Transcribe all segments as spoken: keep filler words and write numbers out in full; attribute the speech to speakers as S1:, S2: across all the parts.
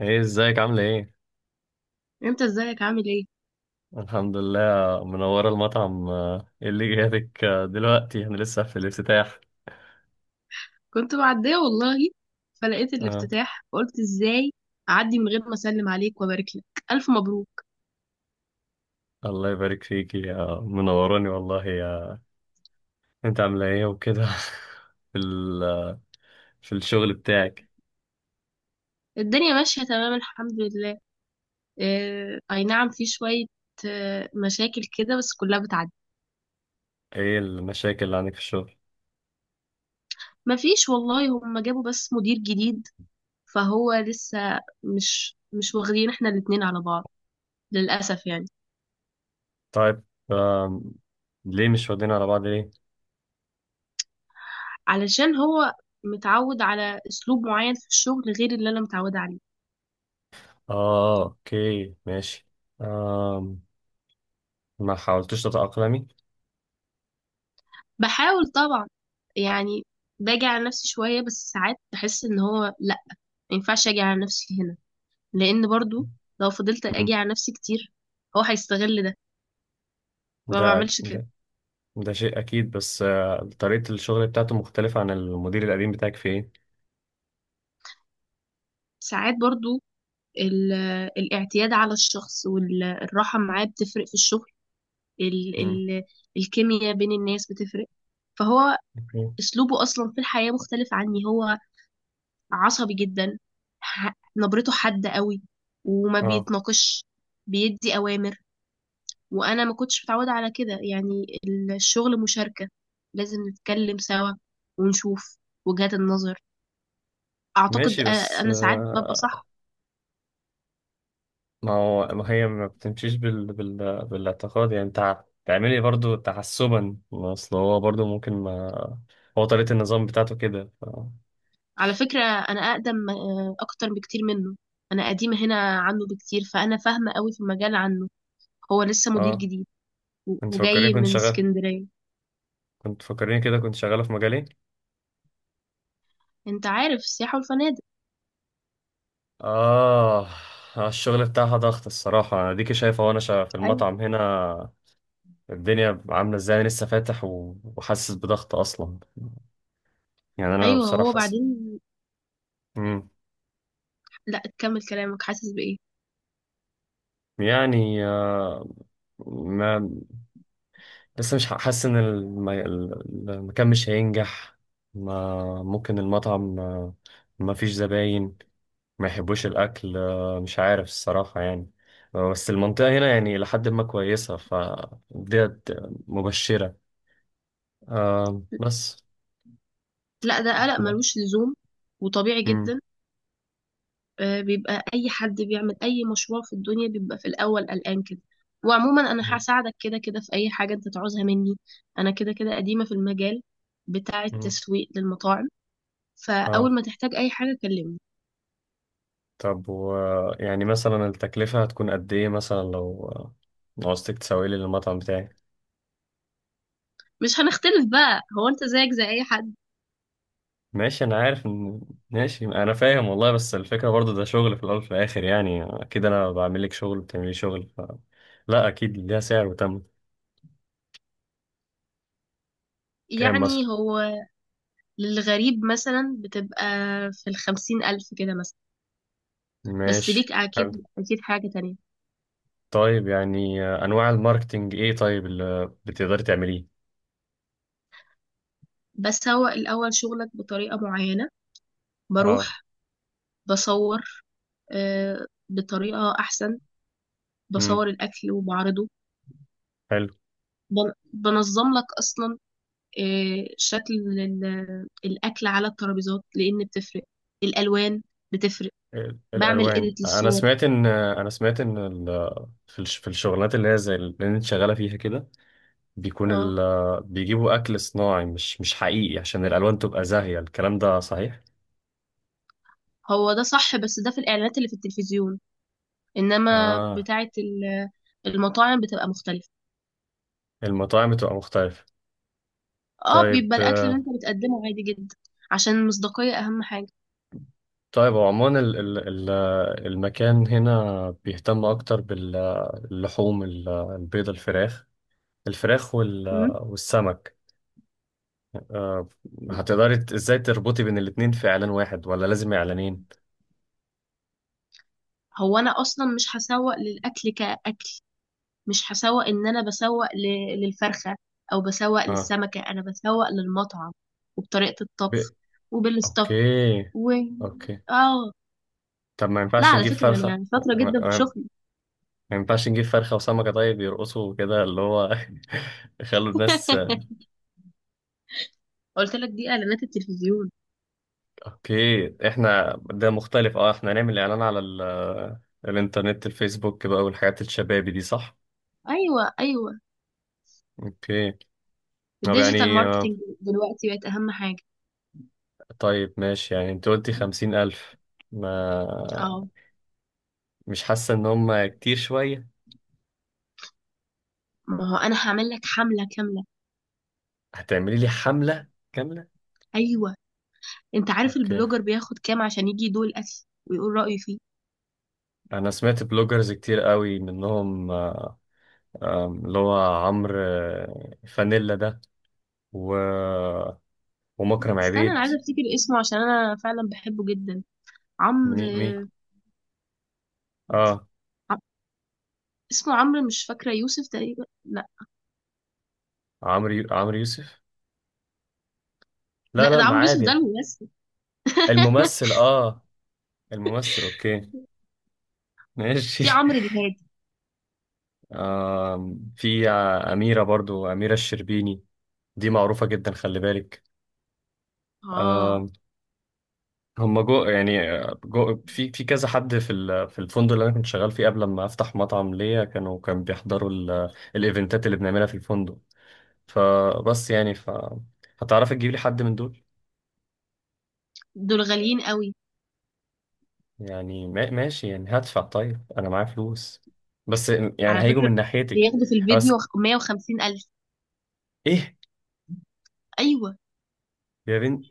S1: ايه، ازيك؟ عاملة ايه؟
S2: انت ازيك عامل ايه؟
S1: الحمد لله. منورة المطعم. آه، ايه اللي جاتك آه، دلوقتي؟ احنا لسه في الافتتاح.
S2: كنت معديه والله. فلقيت
S1: آه.
S2: الافتتاح فقلت ازاي، اعدي من غير ما اسلم عليك وابارك لك. الف مبروك.
S1: الله يبارك فيكي. آه، منوراني والله. يا انت، عاملة ايه وكده؟ في ال... آه، في الشغل بتاعك؟
S2: الدنيا ماشيه تمام الحمد لله. اه، اي نعم، في شويه اه مشاكل كده بس كلها بتعدي.
S1: ايه المشاكل اللي عندك في الشغل؟
S2: مفيش والله، هم جابوا بس مدير جديد، فهو لسه مش مش واخدين احنا الاتنين على بعض للاسف يعني.
S1: طيب. آم، ليه مش واخدين على بعض، ليه؟
S2: علشان هو متعود على اسلوب معين في الشغل غير اللي انا متعوده عليه.
S1: اه، اوكي، ماشي. آم، ما حاولتش تتأقلمي؟
S2: بحاول طبعا يعني، باجي على نفسي شوية بس ساعات بحس ان هو لا، ما ينفعش اجي على نفسي هنا لان برضو لو فضلت
S1: مم.
S2: اجي على نفسي كتير هو هيستغل ده فما
S1: ده
S2: بعملش كده.
S1: ده ده شيء أكيد، بس آه، طريقة الشغل بتاعته مختلفة عن المدير القديم بتاعك في إيه؟
S2: ساعات برضو ال- الاعتياد على الشخص والراحة معاه بتفرق في الشغل. ال
S1: مم.
S2: ال الكيمياء بين الناس بتفرق فهو
S1: أوكي.
S2: اسلوبه اصلا في الحياة مختلف عني، هو عصبي جدا. ح- نبرته حادة قوي وما
S1: أه،
S2: بيتناقش. بيدي اوامر وانا ما كنتش متعوده على كده يعني. الشغل مشاركه، لازم نتكلم سوا ونشوف وجهات النظر. اعتقد،
S1: ماشي،
S2: أ-
S1: بس
S2: انا ساعات ببقى
S1: آه،
S2: صح.
S1: ما هو، ما هي ما بتمشيش بال... بال... بالاعتقاد، يعني أنت تعملي برضو تحسبا، ما أصل هو برضو ممكن ما هو طريقة النظام بتاعته كده، ف...
S2: على فكره انا اقدم آه، اكتر بكتير منه. انا قديمه هنا عنه بكتير فانا فاهمه قوي في المجال عنه. هو لسه مدير
S1: أه،
S2: جديد و-
S1: أنت فكرني،
S2: وجاي
S1: كنت
S2: من
S1: شغال،
S2: اسكندريه.
S1: كنت فكرني كده كنت شغالة في مجالي.
S2: انت عارف السياحه والفنادق.
S1: آه. آه، الشغل بتاعها ضغط الصراحة، أنا ديكي شايفة وأنا شا- في
S2: ايوه،
S1: المطعم هنا الدنيا عاملة ازاي. أنا لسه فاتح و- وحاسس بضغط أصلا، يعني أنا
S2: ايوه.
S1: بصراحة
S2: هو
S1: حاسس.
S2: بعدين،
S1: مم.
S2: لا، كمل كلامك، حاسس بايه؟
S1: يعني آه، ما لسه مش حاسس إن الم- ال- المكان مش هينجح، ما ممكن المطعم آه، ما فيش زباين، ما يحبوش الأكل، آه، مش عارف الصراحة يعني. آه، بس المنطقة هنا يعني لحد ما كويسة، فديت مبشرة، آه، بس
S2: لا، ده قلق
S1: احنا.
S2: ملوش لزوم وطبيعي
S1: مم.
S2: جدا. آه، بيبقى اي حد بيعمل اي مشروع في الدنيا بيبقى في الاول قلقان كده. وعموما انا
S1: مم.
S2: هساعدك كده كده في اي حاجه انت تعوزها مني. انا كده كده قديمه في المجال بتاع
S1: مم.
S2: التسويق للمطاعم.
S1: اه،
S2: فاول ما تحتاج اي حاجه كلمني.
S1: طب، و يعني مثلا التكلفة هتكون قد ايه، مثلا لو لو عوزتك تسوي لي المطعم بتاعي؟
S2: مش هنختلف بقى، هو انت زيك زي اي حد.
S1: ماشي، انا عارف ان، ماشي، انا فاهم والله، بس الفكرة برضو ده شغل، في الاول وفي الاخر يعني اكيد انا بعمل لك شغل بتعملي لي شغل، ف... لا اكيد ليها سعر، وتم. كام مثلا؟
S2: يعني هو للغريب مثلا بتبقى في الخمسين الف كده مثلا. بس
S1: ماشي،
S2: ليك
S1: حلو.
S2: اكيد اكيد حاجه تانية.
S1: طيب يعني آه، انواع الماركتينج ايه طيب اللي بتقدري تعمليه؟
S2: بسوق الاول شغلك بطريقه معينه.
S1: اه.
S2: بروح بصور آه، بطريقة أحسن.
S1: امم،
S2: بصور الأكل وبعرضه.
S1: حلو.
S2: بن- بنظم لك أصلا آه، شكل ال- الأكل على الترابيزات لأن بتفرق الألوان بتفرق.
S1: ال-
S2: بعمل
S1: الالوان،
S2: إيديت
S1: انا
S2: للصور.
S1: سمعت ان، انا سمعت ان ال... في الش- في الشغلانات اللي هي زي اللي انت شغالة فيها كده بيكون
S2: اه،
S1: ال بيجيبوا أكل صناعي مش مش حقيقي عشان الألوان تبقى زاهية، الكلام ده صحيح؟
S2: هو ده صح بس ده في الإعلانات اللي في التلفزيون. إنما
S1: آه.
S2: بتاعة ال- المطاعم بتبقى مختلفة.
S1: المطاعم بتبقى مختلفة.
S2: اه،
S1: طيب.
S2: بيبقى الأكل اللي
S1: آه،
S2: أنت بتقدمه عادي جدا. عشان المصداقية أهم حاجة.
S1: طيب هو عموما ال- ال- ال- المكان هنا بيهتم أكتر باللحوم، البيض، الفراخ، الفراخ وال-
S2: مم.
S1: والسمك. آه، هتقدري ت- ازاي تربطي بين الاتنين في إعلان واحد ولا لازم إعلانين؟
S2: هو أنا أصلا مش هسوق للأكل كأكل. مش هسوق ان انا بسوق ل- للفرخة او بسوق
S1: اه.
S2: للسمكة انا بسوق للمطعم. وبطريقة
S1: ب...
S2: الطبخ وبالستاف
S1: اوكي.
S2: و
S1: اوكي.
S2: اه
S1: طب ما
S2: لا،
S1: ينفعش
S2: على
S1: نجيب
S2: فكرة
S1: فرخة،
S2: انا شاطرة جدا في شغلي.
S1: ما ينفعش نجيب فرخة وسمكة، طيب يرقصوا كده، اللي هو يخلوا الناس.
S2: قلت لك دي اعلانات التلفزيون.
S1: اوكي، احنا ده مختلف، اه احنا هنعمل اعلان على ال... آه، الانترنت، الفيسبوك بقى والحاجات الشبابي دي، صح؟
S2: ايوه، ايوه.
S1: اوكي. طب
S2: الديجيتال
S1: يعني آه،
S2: ماركتنج دلوقتي بقت اهم حاجة.
S1: طيب ماشي، يعني انت قلتي خمسين الف،
S2: اه،
S1: ما مش حاسة ان هم كتير شوية؟
S2: ما هو انا هعمل لك حملة كاملة.
S1: هتعملي لي حملة كاملة.
S2: ايوه. انت عارف
S1: اوكي.
S2: البلوجر بياخد كام عشان يجي يدوق الاكل ويقول رأيه فيه؟
S1: انا سمعت بلوجرز كتير قوي منهم، آه، آه، اللي هو عمرو آه، فانيلا ده، و، ومكرم
S2: استنى انا
S1: عبيد،
S2: عايزه افتكر اسمه عشان انا فعلا بحبه جدا.
S1: مي مي.
S2: عمرو.
S1: اه.
S2: اسمه عمرو مش فاكرة يوسف تقريبا، لا.
S1: عمرو يو- عمرو يوسف؟ لا
S2: لا،
S1: لا،
S2: ده
S1: ما
S2: عمرو يوسف، ده
S1: عادي.
S2: الممثل.
S1: الممثل، اه. الممثل. اوكي، ماشي.
S2: في عمرو الهادي.
S1: آه في آه، أميرة، برضو أميرة الشربيني، دي معروفة جدا، خلي بالك.
S2: اه.
S1: آه. هم جو يعني آه، جو في في كذا حد في ال- في الفندق اللي انا كنت شغال فيه قبل ما افتح مطعم ليا، كانوا كان بيحضروا ال- الايفنتات اللي بنعملها في الفندق، فبس يعني، ف هتعرفي تجيب لي حد من دول؟
S2: دول غاليين قوي.
S1: يعني ما- ماشي، يعني هدفع، طيب انا معايا فلوس، بس يعني
S2: على
S1: هيجوا من
S2: فكرة
S1: ناحيتي.
S2: بياخدوا في
S1: بس،
S2: الفيديو مية وخمسين ألف.
S1: ايه،
S2: أيوة.
S1: يا بنت،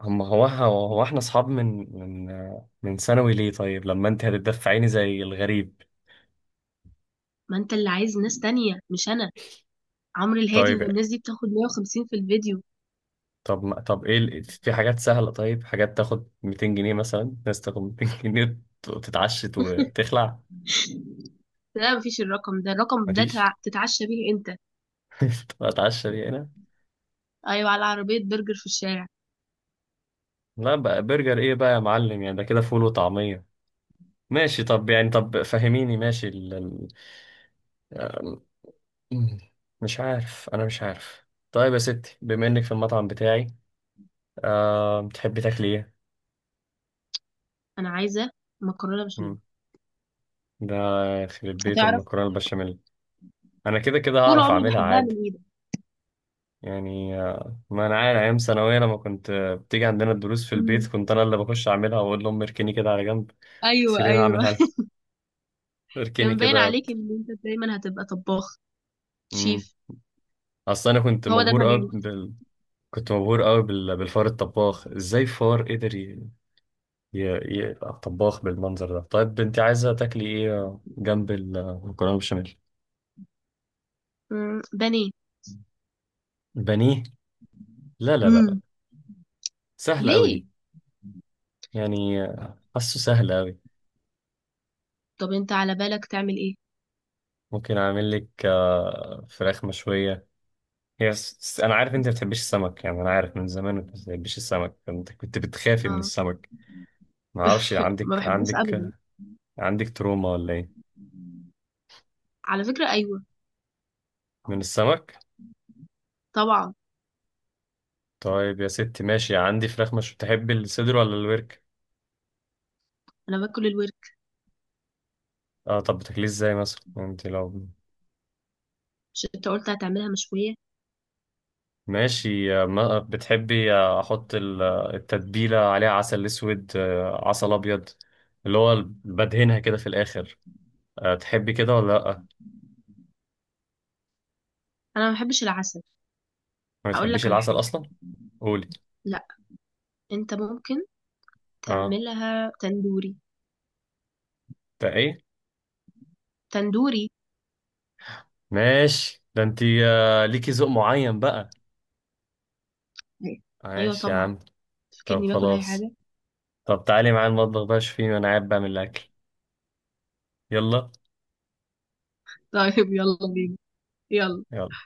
S1: هم هو هو هو احنا اصحاب من، من، من ثانوي، ليه طيب لما انت هتدفعيني زي الغريب؟
S2: ما أنت اللي عايز ناس تانية مش أنا. عمرو الهادي
S1: طيب.
S2: والناس دي بتاخد مائة وخمسين في الفيديو.
S1: طب ما- طب ايه ال- في حاجات سهلة؟ طيب، حاجات تاخد ميتين جنيه مثلا، ناس تاخد مئتين جنيه ت- تتعشت وتخلع.
S2: لا، مفيش، الرقم ده الرقم ده
S1: مفيش.
S2: تع- تتعشى بيه أنت.
S1: تبقى اتعشى دي هنا.
S2: أيوة، على عربية برجر في الشارع.
S1: لا بقى، برجر ايه بقى يا معلم؟ يعني ده كده فول وطعمية. ماشي. طب يعني، طب فهميني، ماشي ال- ال- مم. مش عارف، انا مش عارف. طيب يا ستي، بما انك في المطعم بتاعي، أه، بتحبي تاكلي ايه؟
S2: أنا عايزة مكرونة بشاميل.
S1: مم. ده، يخرب بيت
S2: هتعرف.
S1: المكرونه البشاميل. انا كده كده
S2: طول
S1: هعرف
S2: عمري
S1: اعملها
S2: بحبها
S1: عادي.
S2: من إيدك.
S1: يعني آه، ما انا عارف ايام ثانويه لما كنت آه، بتيجي عندنا الدروس في البيت،
S2: أمم.
S1: كنت انا اللي بخش اعملها واقول لهم اركني كده على جنب،
S2: أيوة،
S1: خليني
S2: أيوة.
S1: اعملها لك، اركني
S2: كان باين
S1: كده.
S2: عليك إن أنت دايما هتبقى طباخ
S1: مم.
S2: شيف.
S1: اصل انا كنت
S2: هو ده
S1: مبهور قوي
S2: المجال.
S1: بال... كنت مبهور قوي بال... بالفار الطباخ، ازاي فار قدر ي- ي- ي- يبقى طباخ بالمنظر ده؟ طيب انت عايزه تاكلي ايه جنب المكرونه بشاميل؟
S2: مم. بانيه.
S1: بانيه؟ لا لا لا لا.
S2: مم.
S1: سهله قوي دي.
S2: ليه؟
S1: يعني حاسه سهله قوي.
S2: طب انت على بالك تعمل ايه؟
S1: ممكن اعمل لك آه، فراخ مشويه. هي س- س- انا عارف انت ما بتحبيش السمك، يعني انا عارف من زمان انت ما بتحبيش السمك، انت كنت بتخافي من
S2: اه،
S1: السمك، ما اعرفش،
S2: ما
S1: عندك،
S2: بحبوش
S1: عندك
S2: ابدا.
S1: عندك تروما ولا ايه
S2: على فكرة ايوه
S1: من السمك؟
S2: طبعا.
S1: طيب يا ستي، ماشي، عندي فراخ. مش تحب الصدر ولا الورك؟
S2: انا باكل الورك.
S1: اه، طب بتاكليه ازاي مثلا؟ يعني انت لو،
S2: مش انت قلت هتعملها مشوية؟
S1: ماشي. آه، ما- بتحبي آه، احط ال- آه، التتبيله عليها، عسل اسود آه، عسل ابيض، اللي هو ال- بدهنها كده في الاخر، آه، تحبي كده ولا لا؟
S2: انا ما بحبش العسل.
S1: ما
S2: هقول
S1: بتحبيش
S2: لك على
S1: العسل
S2: حاجة.
S1: اصلا. قولي.
S2: لا، انت ممكن
S1: اه.
S2: تعملها تندوري.
S1: ده ايه؟
S2: تندوري.
S1: ماشي، ده انتي آه، ليكي ذوق معين بقى.
S2: ايوه
S1: ماشي يا
S2: طبعا.
S1: عم. طب
S2: فكرني باكل اي
S1: خلاص.
S2: حاجة.
S1: طب تعالي معايا المطبخ بقى، شوفي انا قاعد بعمل الاكل. يلا.
S2: طيب يلا بينا يلا.
S1: يلا.